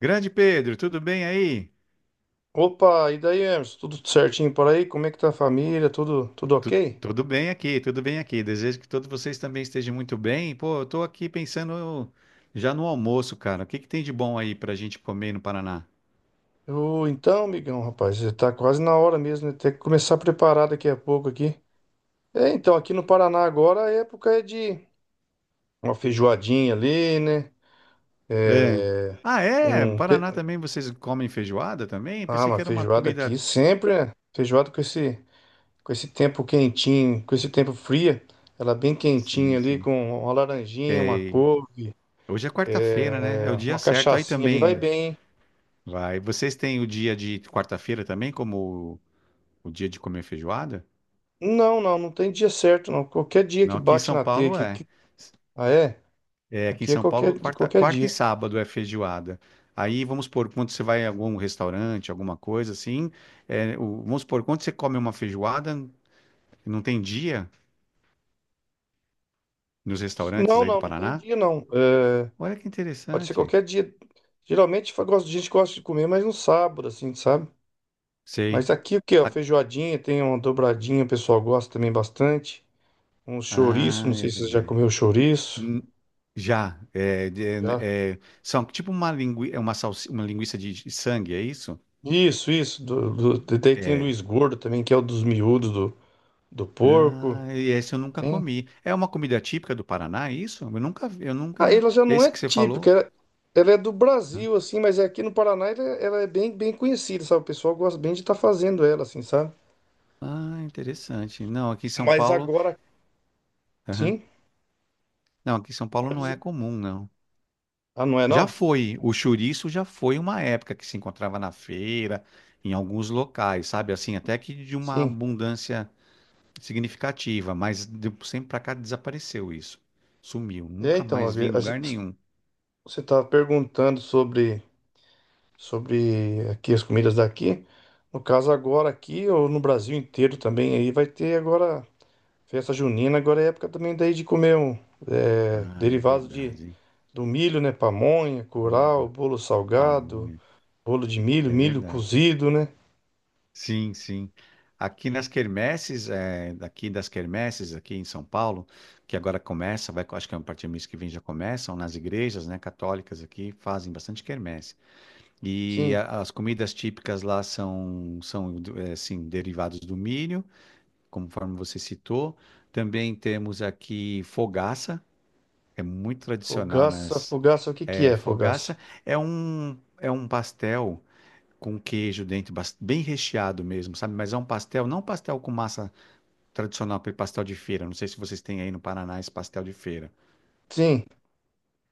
Grande Pedro, tudo bem aí? Opa, e daí, Emerson? Tudo certinho por aí? Como é que tá a família? Tudo Tu- ok? Tudo bem aqui, tudo bem aqui. Desejo que todos vocês também estejam muito bem. Pô, eu tô aqui pensando já no almoço, cara. O que que tem de bom aí pra gente comer no Paraná? Ô, então, amigão, rapaz, já tá quase na hora mesmo, né? Tem que começar a preparar daqui a pouco aqui. É, então, aqui no Paraná agora a época é de uma feijoadinha ali, né? É. Ah, é? No Um, pe- Paraná também vocês comem feijoada também? Pensei uma que era uma feijoada aqui comida. sempre, né? Feijoada com esse tempo quentinho, com esse tempo fria. Ela bem Sim, quentinha ali, sim. com uma laranjinha, uma couve, Hoje é quarta-feira, né? É o uma dia certo. Aí cachaçinha ali, vai também bem, hein? vai. Vocês têm o dia de quarta-feira também como o dia de comer feijoada? Não, não, não tem dia certo, não. Qualquer dia que Não, aqui em bate São na teia Paulo que. é. Ah, é? É, aqui em Aqui é São Paulo, qualquer, de quarta, qualquer quarta e dia. sábado é feijoada. Aí, vamos supor, quando você vai em algum restaurante, alguma coisa assim, é, vamos supor, quando você come uma feijoada, não tem dia nos restaurantes Não, aí do não, não tem Paraná? dia, não. É, Olha que pode ser interessante. qualquer dia. Geralmente a gente gosta de comer, mas no sábado, assim, sabe? Sei. Mas aqui o que, ó, A- feijoadinha, tem uma dobradinha, o pessoal gosta também bastante. Um chouriço, Ah, não é sei se você já verdade. comeu chouriço. Hum. Já. É, Já? São tipo uma, é uma, uma linguiça de sangue, é isso? Isso, isso. Daí tem o É. Luiz Gordo também, que é o dos miúdos do, do porco. Ah, e esse eu nunca Hein? comi. É uma comida típica do Paraná, é isso? Eu nunca, eu Ah, nunca. ela já não é Esse que você típica, falou? ela é do Brasil, assim, mas é aqui no Paraná ela é bem, bem conhecida, sabe? O pessoal gosta bem de estar fazendo ela, assim, sabe? Ah, interessante. Não, aqui em São Mas Paulo. agora, Aham. sim, Não, aqui em São Paulo pode não é dizer. comum, não. Ah, não é Já não? foi. O chouriço já foi uma época que se encontrava na feira, em alguns locais, sabe? Assim, até que de uma Sim. abundância significativa, mas de um sempre pra cá desapareceu isso. Sumiu. É, Nunca então, mais vi em lugar nenhum. você estava perguntando sobre, sobre aqui as comidas daqui. No caso, agora aqui, ou no Brasil inteiro também, aí vai ter agora festa junina, agora é época também daí de comer um é, Ah, é derivado de, verdade, hein? do milho, né? Pamonha, curau, Hum. bolo salgado. Pamonha. Bolo de milho, É milho verdade. cozido, né? Sim, sim. Aqui nas quermesses, é, daqui das quermesses, aqui em São Paulo, que agora começa, vai, acho que é a partir do mês que vem já começam, nas igrejas, né, católicas aqui fazem bastante quermesse. Sim. As comidas típicas lá são, são é, assim, derivados do milho, conforme você citou. Também temos aqui fogaça, é muito tradicional Fogaça, nas, fogaça, o que que é, é fogaça? fogaça é um pastel com queijo dentro, bem recheado mesmo, sabe? Mas é um pastel, não um pastel com massa tradicional, aquele pastel de feira. Não sei se vocês têm aí no Paraná esse pastel de feira. Sim,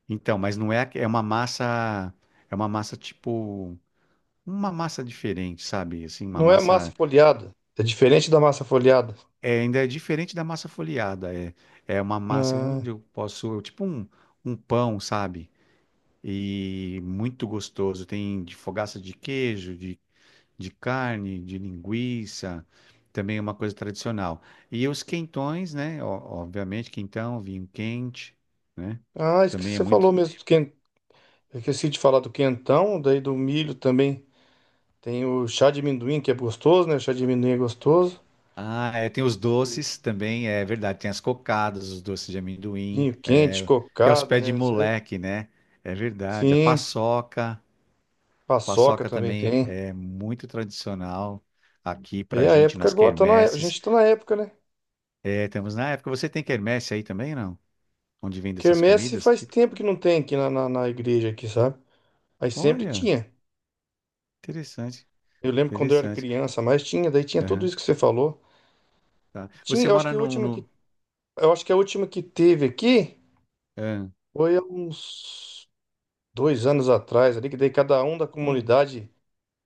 Então, mas não é, é uma massa tipo, uma massa diferente, sabe? Assim, uma não é massa massa, folhada. É diferente da massa folhada. é, ainda é diferente da massa folheada. É, é uma massa Ah, onde eu posso, tipo um, um pão, sabe? E muito gostoso. Tem de fogaça de queijo, de carne, de linguiça, também é uma coisa tradicional. E os quentões, né? Obviamente, quentão, vinho quente, né? ah, esqueci, Também é você muito. falou mesmo do eu esqueci de falar do quentão, daí do milho também. Tem o chá de amendoim, que é gostoso, né? O chá de amendoim é gostoso. Ah, é, tem os doces também, é verdade. Tem as cocadas, os doces de amendoim, Vinho quente, é, que é os cocada, pés de né? Cê-. moleque, né? É verdade. A Sim, paçoca, paçoca paçoca também também tem. é muito tradicional aqui É pra a gente época nas agora, tá na, é- a quermesses. gente tá na época, né? É, temos na época. Você tem quermesse aí também, não? Onde vende essas Quermesse comidas? faz Tipo, tempo que não tem aqui na igreja aqui, sabe? Aí sempre olha. tinha. Interessante, Eu lembro quando eu era interessante. criança, mas tinha, daí tinha tudo Aham, isso que você falou. tá. Tinha, Você eu acho que mora a num, última que, no, eu acho que a última que teve aqui ah, foi há uns 2 anos atrás ali, que daí cada um da olha. comunidade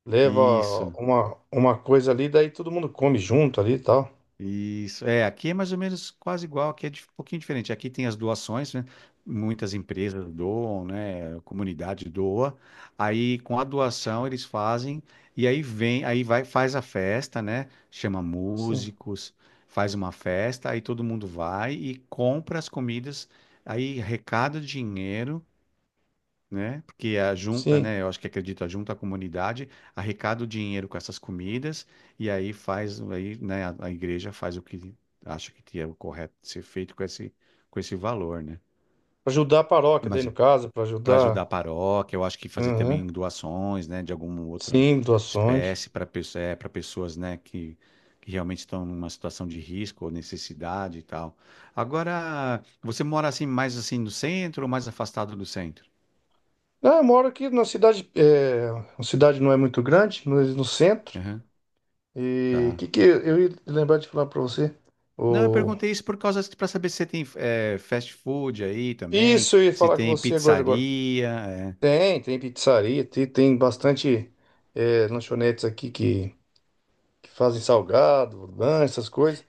leva Isso, uma coisa ali, daí todo mundo come junto ali e tal. isso. É, aqui é mais ou menos quase igual, aqui é um pouquinho diferente. Aqui tem as doações, né? Muitas empresas doam, né? A comunidade doa. Aí com a doação eles fazem e aí vem, aí vai faz a festa, né? Chama Sim, músicos, faz uma festa, aí todo mundo vai e compra as comidas, aí arrecada o dinheiro, né? Porque a junta, sim. né? Eu acho que acredito, a junta a comunidade arrecada o dinheiro com essas comidas e aí faz, aí, né? A igreja faz o que acha que é o correto de ser feito com esse valor, né? Pra ajudar a paróquia, daí Mas no caso, para para ajudar ajudar. a paróquia, eu acho que fazer Aham. também doações, né? De alguma outra Sim, doações. espécie para pessoa, é, para pessoas, né? Que realmente estão numa situação de risco ou necessidade e tal. Agora, você mora assim mais assim no centro ou mais afastado do centro? Ah, eu moro aqui na cidade, é, a cidade não é muito grande, mas no centro. Aham, E o tá. que, que eu ia lembrar de falar para você? Não, eu O. perguntei isso por causa para saber se você tem fast food aí também, Isso, eu ia se falar com tem você agora, agora. pizzaria, é. Tem, tem pizzaria, tem, tem bastante é, lanchonetes aqui que fazem salgado, lanche, essas coisas.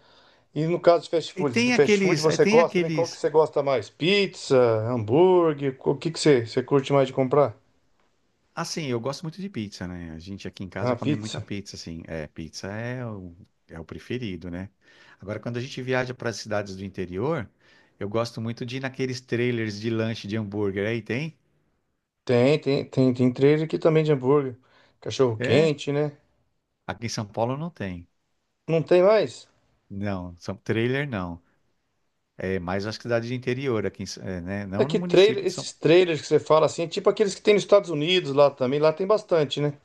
E no caso de fast E food, tem do fast food aqueles, você tem gosta também? Qual que aqueles. você gosta mais? Pizza, hambúrguer? O que que você, você curte mais de comprar? Assim, eu gosto muito de pizza, né? A gente aqui em casa Ah, come muita pizza. pizza, assim. É, pizza é o, é o preferido, né? Agora, quando a gente viaja para as cidades do interior, eu gosto muito de ir naqueles trailers de lanche de hambúrguer. Aí tem? Tem trailer aqui também de hambúrguer. Cachorro É? quente, né? Aqui em São Paulo não tem. Não tem mais? Não, são trailer não. É mais as cidades de interior aqui, em né? É Não no que trailer, município de São esses trailers que você fala assim, é tipo aqueles que tem nos Estados Unidos lá também, lá tem bastante, né?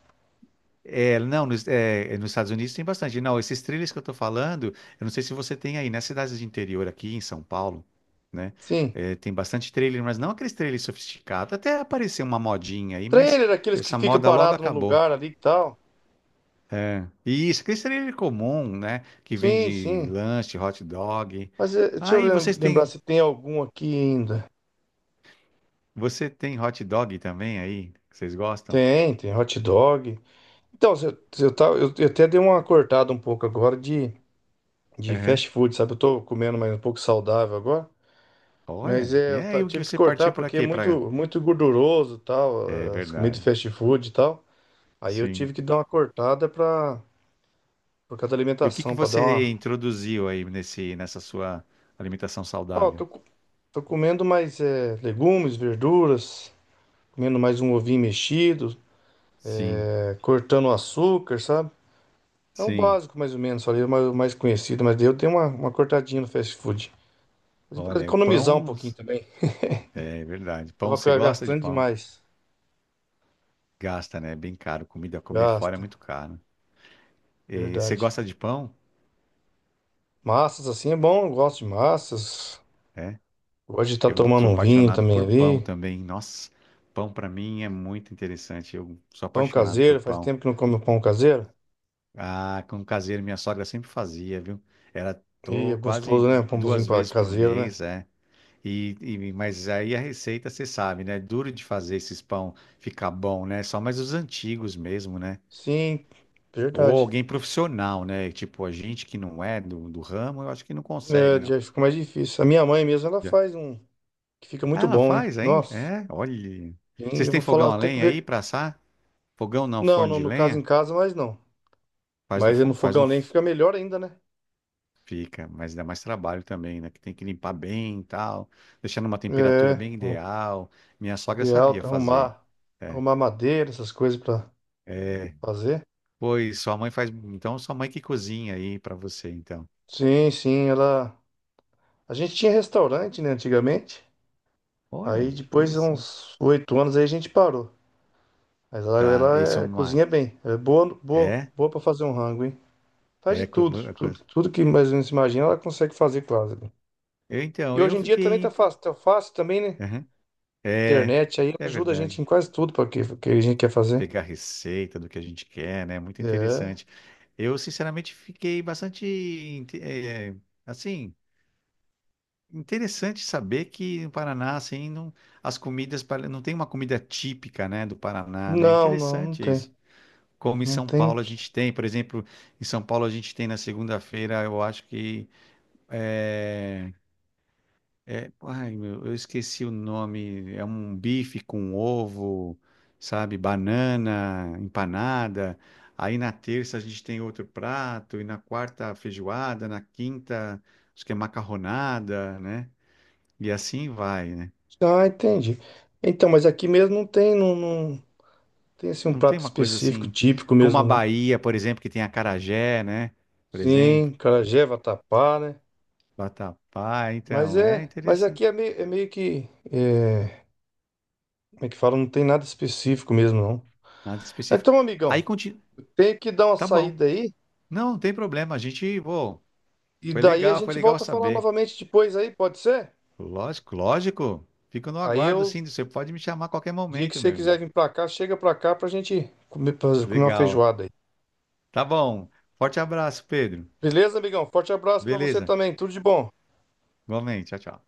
É, não, nos, é, nos Estados Unidos tem bastante. Não, esses trilhos que eu estou falando, eu não sei se você tem aí, nas cidades de interior aqui em São Paulo, né? Sim. É, tem bastante trailer, mas não aqueles trailers sofisticados. Até apareceu uma modinha aí, mas Trailer, aqueles que essa fica moda logo parado no acabou. lugar ali e tal. É. E isso, aquele trailer comum, né? Que Sim, vende sim. lanche, hot dog. Mas deixa eu Aí vocês lembrar têm, se tem algum aqui ainda. você tem hot dog também aí? Que vocês gostam? Tem, tem hot dog. Então, se eu, se eu, eu até dei uma cortada um pouco agora de Uhum. fast food, sabe? Eu tô comendo mais um pouco saudável agora. Mas Olha, é, e é aí o que tive que você partiu cortar para porque é quê? Para... muito, muito gorduroso e É tal, as comidas verdade. fast food e tal. Aí eu tive Sim. que dar uma cortada pra, por causa da E o que que alimentação, pra dar você uma. introduziu aí nessa sua alimentação Ó, saudável? Tô comendo mais legumes, verduras, comendo mais um ovinho mexido, Sim, é, cortando o açúcar, sabe? É o sim. básico, mais ou menos, ali, o mais conhecido, mas daí eu tenho uma cortadinha no fast food. Mas pra Olha, economizar um pão, pouquinho também. é verdade. Pão, você Tava gosta de gastando pão? demais. Gasta, né? É bem caro. Comida, comer fora é Gasta, muito caro. E você verdade. gosta de pão? Massas assim é bom, eu gosto de massas. É. Hoje tá Eu tomando sou um vinho apaixonado também por pão ali. também. Nossa, pão pra mim é muito interessante. Eu sou Pão apaixonado por caseiro, faz pão. tempo que não como pão caseiro. Ah, com caseiro, minha sogra sempre fazia, viu? Era E é tô quase gostoso, né? Duas vezes por Caseiro, né? mês, é. Mas aí a receita, você sabe, né? É duro de fazer esses pão ficar bom, né? Só mais os antigos mesmo, né? Sim, Ou verdade. alguém profissional, né? Tipo, a gente que não é do ramo, eu acho que não consegue, É, não. já fica mais difícil. A minha mãe mesmo, ela Já. faz um que fica Ah, muito ela bom, hein? faz ainda? Nossa. É, olha. Sim, Vocês eu vou têm fogão falar, a tem que lenha aí ver. pra assar? Fogão não, Não, forno não, de no caso em lenha? casa, mas não. Faz no, Mas no fo- faz fogão no, a lenha f- fica melhor ainda, né? fica, mas dá mais trabalho também, né? Que tem que limpar bem e tal, deixar numa temperatura É, bem o ideal. Minha sogra ideal sabia é fazer. arrumar, É. arrumar madeira, essas coisas pra É. fazer. Pois sua mãe faz. Então, sua mãe que cozinha aí pra você, então. Sim, sim, ela. A gente tinha restaurante, né, antigamente. Olha, Aí depois de interessante. uns 8 anos aí a gente parou. Mas ela, Tá, esse é ela uma. cozinha bem. É boa, boa, É? boa para fazer um rango, hein? Faz de É. Tudo, co- tudo, tudo que mais ou menos se imagina, ela consegue fazer quase, né? Eu, então, E eu hoje em dia também fiquei. Imp- tá fácil também, né? Aham. É, Internet aí é ajuda a gente em verdade. quase tudo para que, que a gente quer fazer. Pegar receita do que a gente quer, né? Muito É. interessante. Eu, sinceramente, fiquei bastante, assim, interessante saber que no Paraná, assim, não, as comidas, não tem uma comida típica, né, do Paraná, né? Não, não, não Interessante isso. tem. Como em Não São tem. Paulo a gente tem. Por exemplo, em São Paulo a gente tem na segunda-feira, eu acho que é, ai, meu, eu esqueci o nome. É um bife com ovo, sabe? Banana, empanada. Aí na terça a gente tem outro prato, e na quarta feijoada, na quinta acho que é macarronada, né? E assim vai, né? Ah, entendi. Então, mas aqui mesmo não tem, não, não tem assim um Não tem prato uma coisa específico, assim, típico como a mesmo, não. Bahia, por exemplo, que tem acarajé, né? Por Sim, exemplo. acarajé, vatapá, né? Vatapá, Mas então, é é, mas interessante. aqui é meio que, é, como é que fala? Não tem nada específico mesmo, não. Nada específico. Então, Aí amigão, continua. tenho que dar uma Tá bom. saída aí Não, não tem problema. A gente, pô, e daí a foi gente legal volta a falar saber. novamente depois aí, pode ser? Lógico, lógico. Fico no Aí aguardo, eu. sim. Você pode me chamar a qualquer Dia que momento, você meu quiser irmão. vir pra cá, chega pra cá pra gente comer, comer uma Legal. feijoada aí. Tá bom. Forte abraço, Pedro. Beleza, amigão? Forte abraço pra você Beleza. também. Tudo de bom. Igualmente. Tchau, tchau.